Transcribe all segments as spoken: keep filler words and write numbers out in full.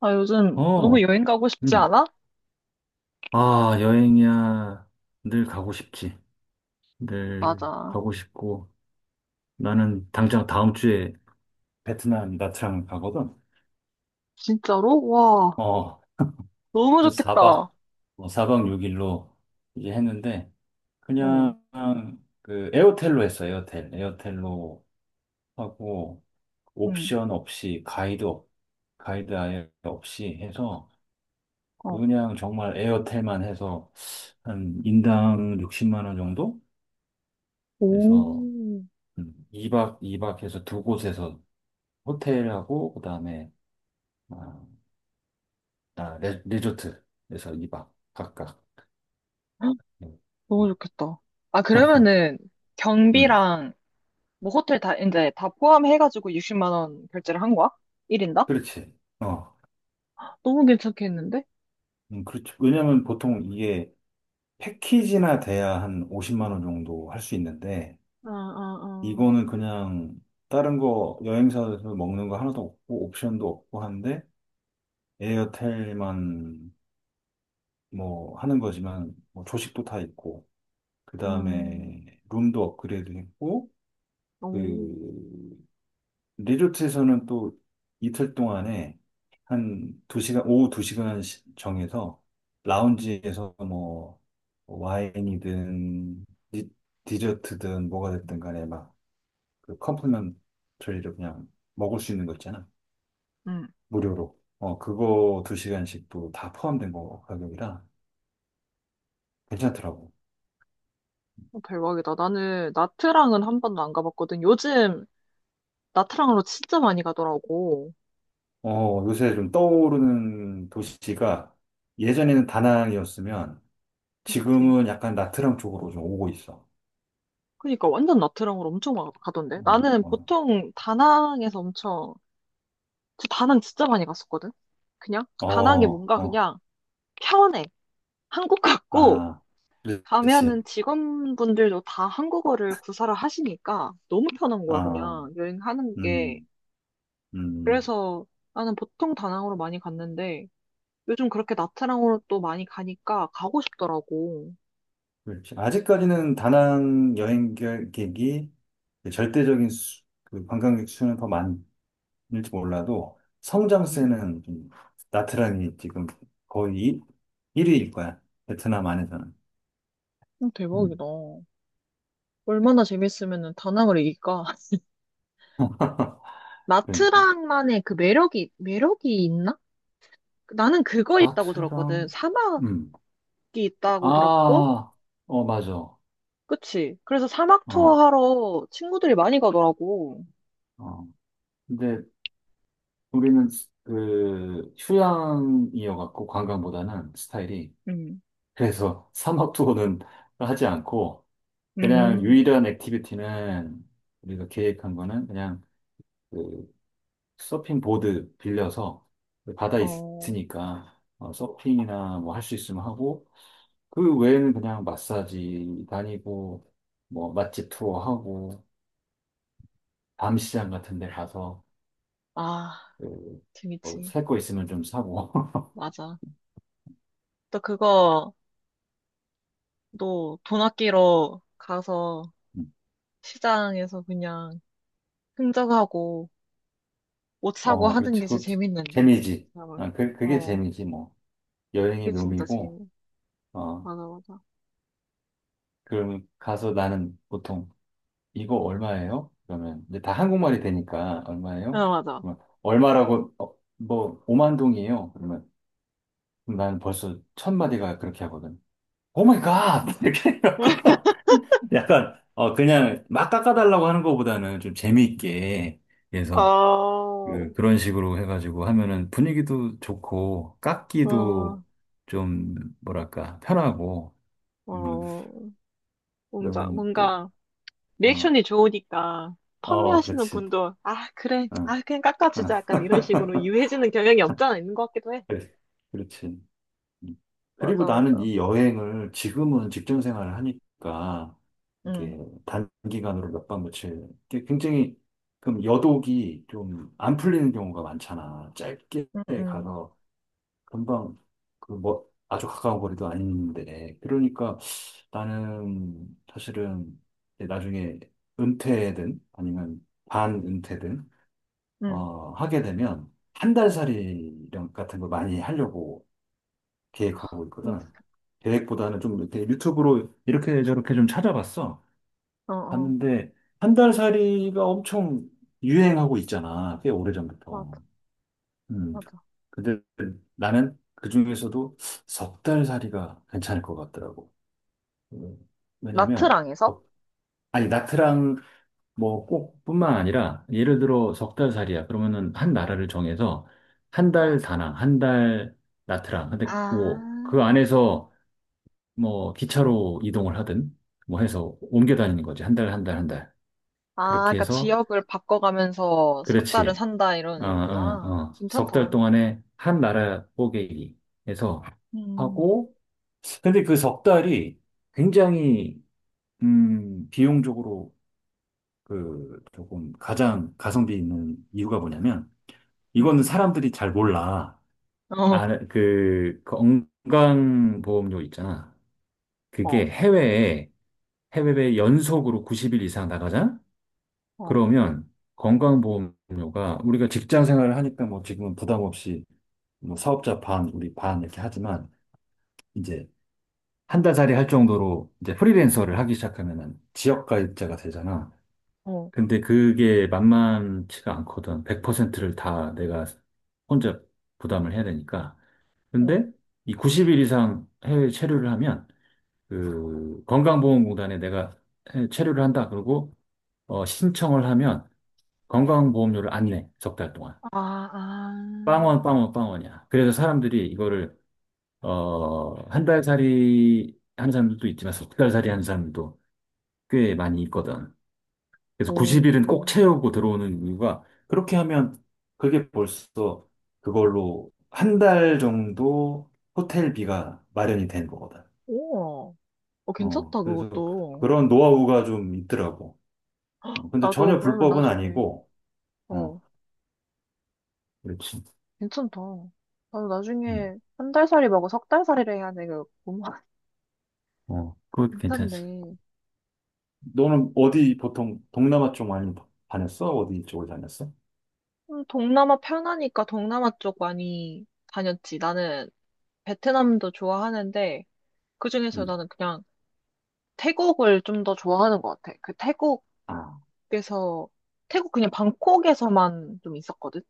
아, 요즘 어, 너무 여행 가고 싶지 음. 않아? 아, 여행이야. 늘 가고 싶지. 늘 맞아. 가고 싶고. 나는 당장 다음 주에 베트남 나트랑 가거든. 진짜로? 와, 어, 너무 그래서 좋겠다. 사 박, 어, 사박 육 일로 이제 했는데, 응, 그냥 그 에어텔로 했어, 에어텔. 에어텔로 하고, 응, 옵션 없이, 가이드, 없- 가이드 아예 없이 해서, 어. 그냥 정말 에어텔만 해서, 한 인당 육십만 원 정도? 오, 그래서 음, 이 박 이 박 해서 두 곳에서 호텔하고 그다음에 아, 아, 레, 리조트에서 이 박 각각. 음, 너무 음, 좋겠다. 아, 그러면은 음. 경비랑 뭐 호텔 다 이제 다 포함해가지고 육십만 원 결제를 한 거야? 일 인당? 그렇지. 어. 너무 괜찮겠는데? 음, 그렇죠. 왜냐면 보통 이게 패키지나 돼야 한 오십만 원 정도 할 수 있는데 응, 응, 이거는 그냥 다른 거 여행사에서 먹는 거 하나도 없고 옵션도 없고 한데 에어텔만 뭐 하는 거지만 뭐 조식도 다 있고 응. 음, 그다음에 룸도 업그레이드 했고 오, 그 리조트에서는 또 이틀 동안에 한 두시간 오후 두시간 정해서 라운지에서 뭐 와인이든 디, 디저트든 뭐가 됐든 간에 막그 컴플리먼트리로 그냥 먹을 수 있는 거 있잖아. 응. 무료로. 어, 그거 두시간씩또 다 포함된 거 가격이라 괜찮더라고. 어, 대박이다. 나는 나트랑은 한 번도 안 가봤거든. 요즘 나트랑으로 진짜 많이 가더라고. 어, 요새 좀 떠오르는 도시가 예전에는 다낭이었으면 그치. 지금은 약간 나트랑 쪽으로 좀 오고 있어. 그니까 완전 나트랑으로 엄청 막 가던데. 어, 나는 어, 보통 다낭에서 엄청 저 다낭 진짜 많이 갔었거든. 그냥 다낭이 어, 뭔가 어, 그냥 편해. 한국 같고 아, 가면은 그렇지. 직원분들도 다 한국어를 구사를 하시니까 너무 편한 거야 아, 그냥 여행하는 게. 음, 음, 그래서 나는 보통 다낭으로 많이 갔는데 요즘 그렇게 나트랑으로 또 많이 가니까 가고 싶더라고. 그렇지. 아직까지는 다낭 여행객이 절대적인 수, 그 관광객 수는 더 많을지 몰라도 음, 성장세는 좀 나트랑이 지금 거의 일 위일 거야. 베트남 안에서는. 음, 음, 대박이다. 얼마나 재밌으면 다낭을 이길까? 그러니까. 마트랑만의 그 매력이, 매력이 있나? 나는 그거 있다고 들었거든. 나트랑, 사막이 음, 있다고 들었고, 아, 어, 맞아. 어, 그치? 그래서 사막 투어 하러 친구들이 많이 가더라고. 어. 근데 우리는 스- 그 휴양이어갖고 관광보다는 스타일이 음, 그래서 사막 투어는 하지 않고 그냥 음, 유일한 액티비티는 우리가 계획한 거는 그냥 그 서핑 보드 빌려서 그 바다 있- 으 어, 니까 어, 서핑이나 뭐 할 수 있으면 하고 그 외에는 그냥 마사지 다니고 뭐 맛집 투어 하고 밤시장 같은 데 가서 아, 재밌지. 그뭐살거 있으면 좀 사고 맞아. 또 그거, 너 돈 아끼러 가서 시장에서 그냥 흥정하고 옷 사고 어, 하는 그렇지. 게 제일 그것도 재밌는데. 그 재미지. 사람을. 아, 그, 그게 어, 재미지, 뭐. 여행의 그게 진짜 묘미고, 재밌. 어, 맞아, 맞아. 그럼 가서 나는 보통, 이거 얼마예요? 그러면, 이제 다 한국말이 되니까, 얼마예요? 맞아, 맞아. 그러면 얼마라고, 어, 뭐, 오만 동이에요. 그러면, 그럼 나는 벌써 첫 마디가 그렇게 하거든. 오 마이 갓! 이렇게 해갖고, 약간, 어, 그냥 막 깎아달라고 하는 것보다는 좀 재미있게, 그래서, 어. 그, 그런 식으로 해가지고 하면은 분위기도 좋고, 어, 깎기도 좀, 뭐랄까, 편하고, 어, 음, 어. 뭔가, 그러면 또, 뭔가, 어, 리액션이 좋으니까, 어, 판매하시는 그렇지. 분도, 아, 그래, 어, 아, 그냥 어, 깎아주자. 약간 이런 식으로 유해지는 경향이 없잖아, 있는 것 같기도 해. 그래, 그렇지. 음. 그리고 맞아, 나는 맞아. 이 여행을 지금은 직장 생활을 하니까, 응, 이게 단기간으로 몇 박 며칠, 이게 굉장히, 그럼 여독이 좀 안 풀리는 경우가 많잖아. 짧게 응, 응, 가서 금방 그 뭐 아주 가까운 거리도 아닌데 그러니까 나는 사실은 이제 나중에 은퇴든 아니면 반은퇴든 응, 어 하게 되면 한 달살이 이런 같은 거 많이 하려고 계획하고 응. 있거든. 계획보다는 좀 이렇게 유튜브로 이렇게 저렇게 좀 찾아봤어 어, 어, 봤는데 한 달살이가 엄청 유행하고 있잖아 꽤 맞아, 오래전부터. 음. 맞아. 근데 나는 그 중에서도 석 달 살이가 괜찮을 것 같더라고. 음, 왜냐면, 나트랑에서? 석- 아니, 나트랑 뭐 꼭뿐만 아니라, 예를 들어 석 달 살이야. 그러면은 한 나라를 정해서 한 어. 달 다낭, 한 달 나트랑. 근데 뭐, 그 아, 안에서 뭐 기차로 이동을 하든 뭐 해서 옮겨 다니는 거지. 한 달, 한 달, 한 달. 아, 그렇게 그러니까 해서, 지역을 바꿔가면서 석 달을 그렇지. 산다, 이런 아, 아, 의미구나. 아. 석달 괜찮다. 동안에 한 나라 뽀개기 해서 음, 하고, 근데 그 석 달이 굉장히, 음, 비용적으로 그 조금 가장 가성비 있는 이유가 뭐냐면, 이거는 음, 사람들이 잘 몰라. 음. 어, 아, 그 그 건강보험료 있잖아. 어, 그게 해외에, 해외에 연속으로 구십 일 이상 나가자? 어, 그러면 건강보험료가 우리가 직장 생활을 하니까 뭐 지금은 부담 없이 뭐 사업자 반, 우리 반 이렇게 하지만 이제 한 달짜리 할 정도로 이제 프리랜서를 하기 시작하면은 지역 가입자가 되잖아. 어. 근데 그게 만만치가 않거든. 백 퍼센트를 다 내가 혼자 부담을 해야 되니까. 어. 근데 이 구십 일 이상 해외 체류를 하면 그 건강보험공단에 내가 해외 체류를 한다. 그러고 어, 신청을 하면 건강보험료를 안 내. 석 달 동안. 아, 빵원, 아. 빵원, 빵원이야. 그래서 사람들이 이거를 어, 한 달 살이 하는 사람들도 있지만 석 달 살이 하는 사람들도 꽤 많이 있거든. 그래서 오, 구십 일은 꼭 채우고 들어오는 이유가 그렇게 하면 그게 벌써 그걸로 한 달 정도 호텔비가 마련이 된 거거든. 우와. 어, 어, 괜찮다, 그래서 그것도. 그런 노하우가 좀 있더라고. 어, 근데 나도 전혀 그러면 불법은 나중에, 아니고, 어, 어, 그렇지. 괜찮다. 나도 음, 나중에 한 달살이 말고 석 달살이를 해야 돼. 그, 어, 그거 괜찮네. 괜찮지. 너는 어디 보통 동남아 쪽 많이 다녔어? 어디 쪽을 다녔어? 음, 동남아 편하니까 동남아 쪽 많이 다녔지. 나는 베트남도 좋아하는데, 그중에서 음. 나는 그냥 태국을 좀 더 좋아하는 것 같아. 그 아, 태국에서, 태국 그냥 방콕에서만 좀 있었거든?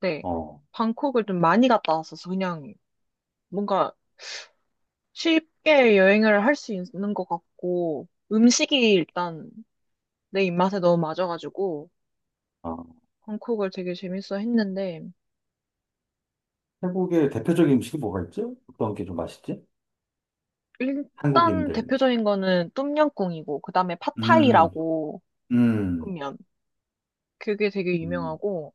네. 어. 방콕을 좀 많이 갔다 왔었어. 그냥 뭔가 쉽게 여행을 할 수 있는 것 같고, 음식이 일단 내 입맛에 너무 맞아가지고, 아, 방콕을 되게 재밌어 했는데, 태국의 대표적인 음식이 뭐가 있지? 어떤 게 좀 맛있지? 일단 한국인들. 맛 대표적인 거는 똠양꿍이고, 그 다음에 음, 팟타이라고 음, 보면, 그게 되게 음, 유명하고,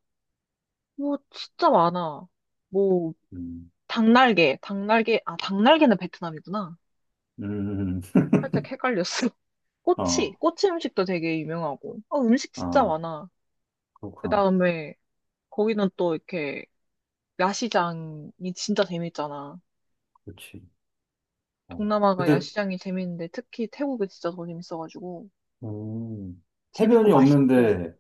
뭐, 진짜 많아. 뭐, 음, 닭날개, 닭날개, 아, 닭날개는 베트남이구나. 음, 살짝 헷갈렸어. 꼬치, 어, 꼬치 음식도 되게 유명하고, 어, 음식 진짜 아, 많아. 그 그렇구나. 다음에, 거기는 또 이렇게, 야시장이 진짜 재밌잖아. 그렇지. 어. 동남아가 근데, 야시장이 재밌는데 특히 태국이 진짜 더 재밌어가지고 음, 재밌고 해변이 맛있고. 없는데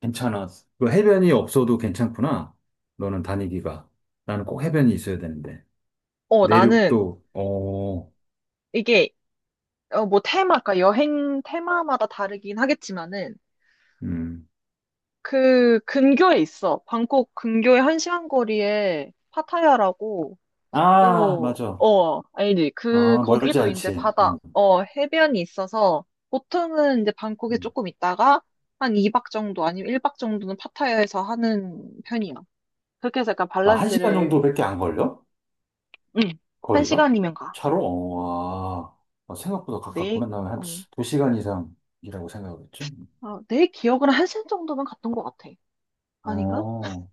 괜찮아. 그 해변이 없어도 괜찮구나. 너는 다니기가. 나는 꼭 해변이 있어야 되는데. 어 나는 내륙도, 어, 이게 어, 뭐 테마, 그 여행 테마마다 다르긴 하겠지만은 음. 그 근교에 있어. 방콕 근교의 한 시간 거리에 파타야라고 아, 또 맞아. 어 알지? 그 아, 멀지 거기도 이제 않지. 바다 음, 어 해변이 있어서 보통은 이제 방콕에 음. 조금 있다가 한 이 박 정도 아니면 일 박 정도는 파타야에서 하는 편이야. 그렇게 해서 약간 아, 한 시간 밸런스를 정도밖에 안 걸려? 응. 한 거리가? 시간이면 가. 차로? 어, 와. 아, 생각보다 내, 가깝구나. 나는 한 어, 두시간 이상이라고 생각을 했지. 아, 내 기억으로 한 시간 정도면 갔던 것 같아. 아닌가? 어,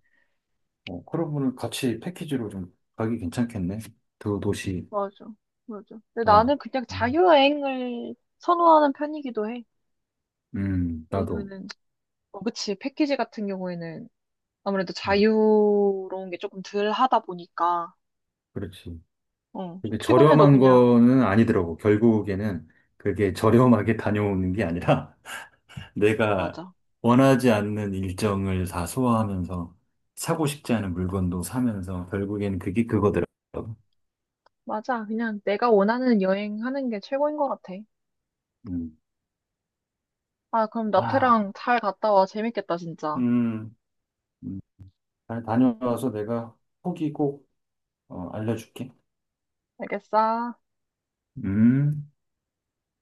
어, 그러면 같이 패키지로 좀 가기 괜찮겠네. 두 도시. 맞아, 맞아. 근데 아, 나는 그냥 음, 자유여행을 선호하는 편이기도 해. 음, 나도. 왜냐면은, 어, 그치, 패키지 같은 경우에는 아무래도 음, 자유로운 게 조금 덜 하다 보니까, 그렇지. 어, 좀 그게 피곤해도 저렴한 그냥, 거는 아니더라고. 결국에는 그게 저렴하게 다녀오는 게 아니라 내가 맞아. 원하지 않는 일정을 다 소화하면서 사고 싶지 않은 물건도 사면서 결국엔 그게 그거더라고. 맞아. 그냥 내가 원하는 여행 하는 게 최고인 것 같아. 음. 아, 그럼 나트랑 아, 잘 갔다 와. 재밌겠다, 진짜. 음, 음, 잘 다녀와서 내가 후기 꼭 어, 알려줄게. 알겠어. 음.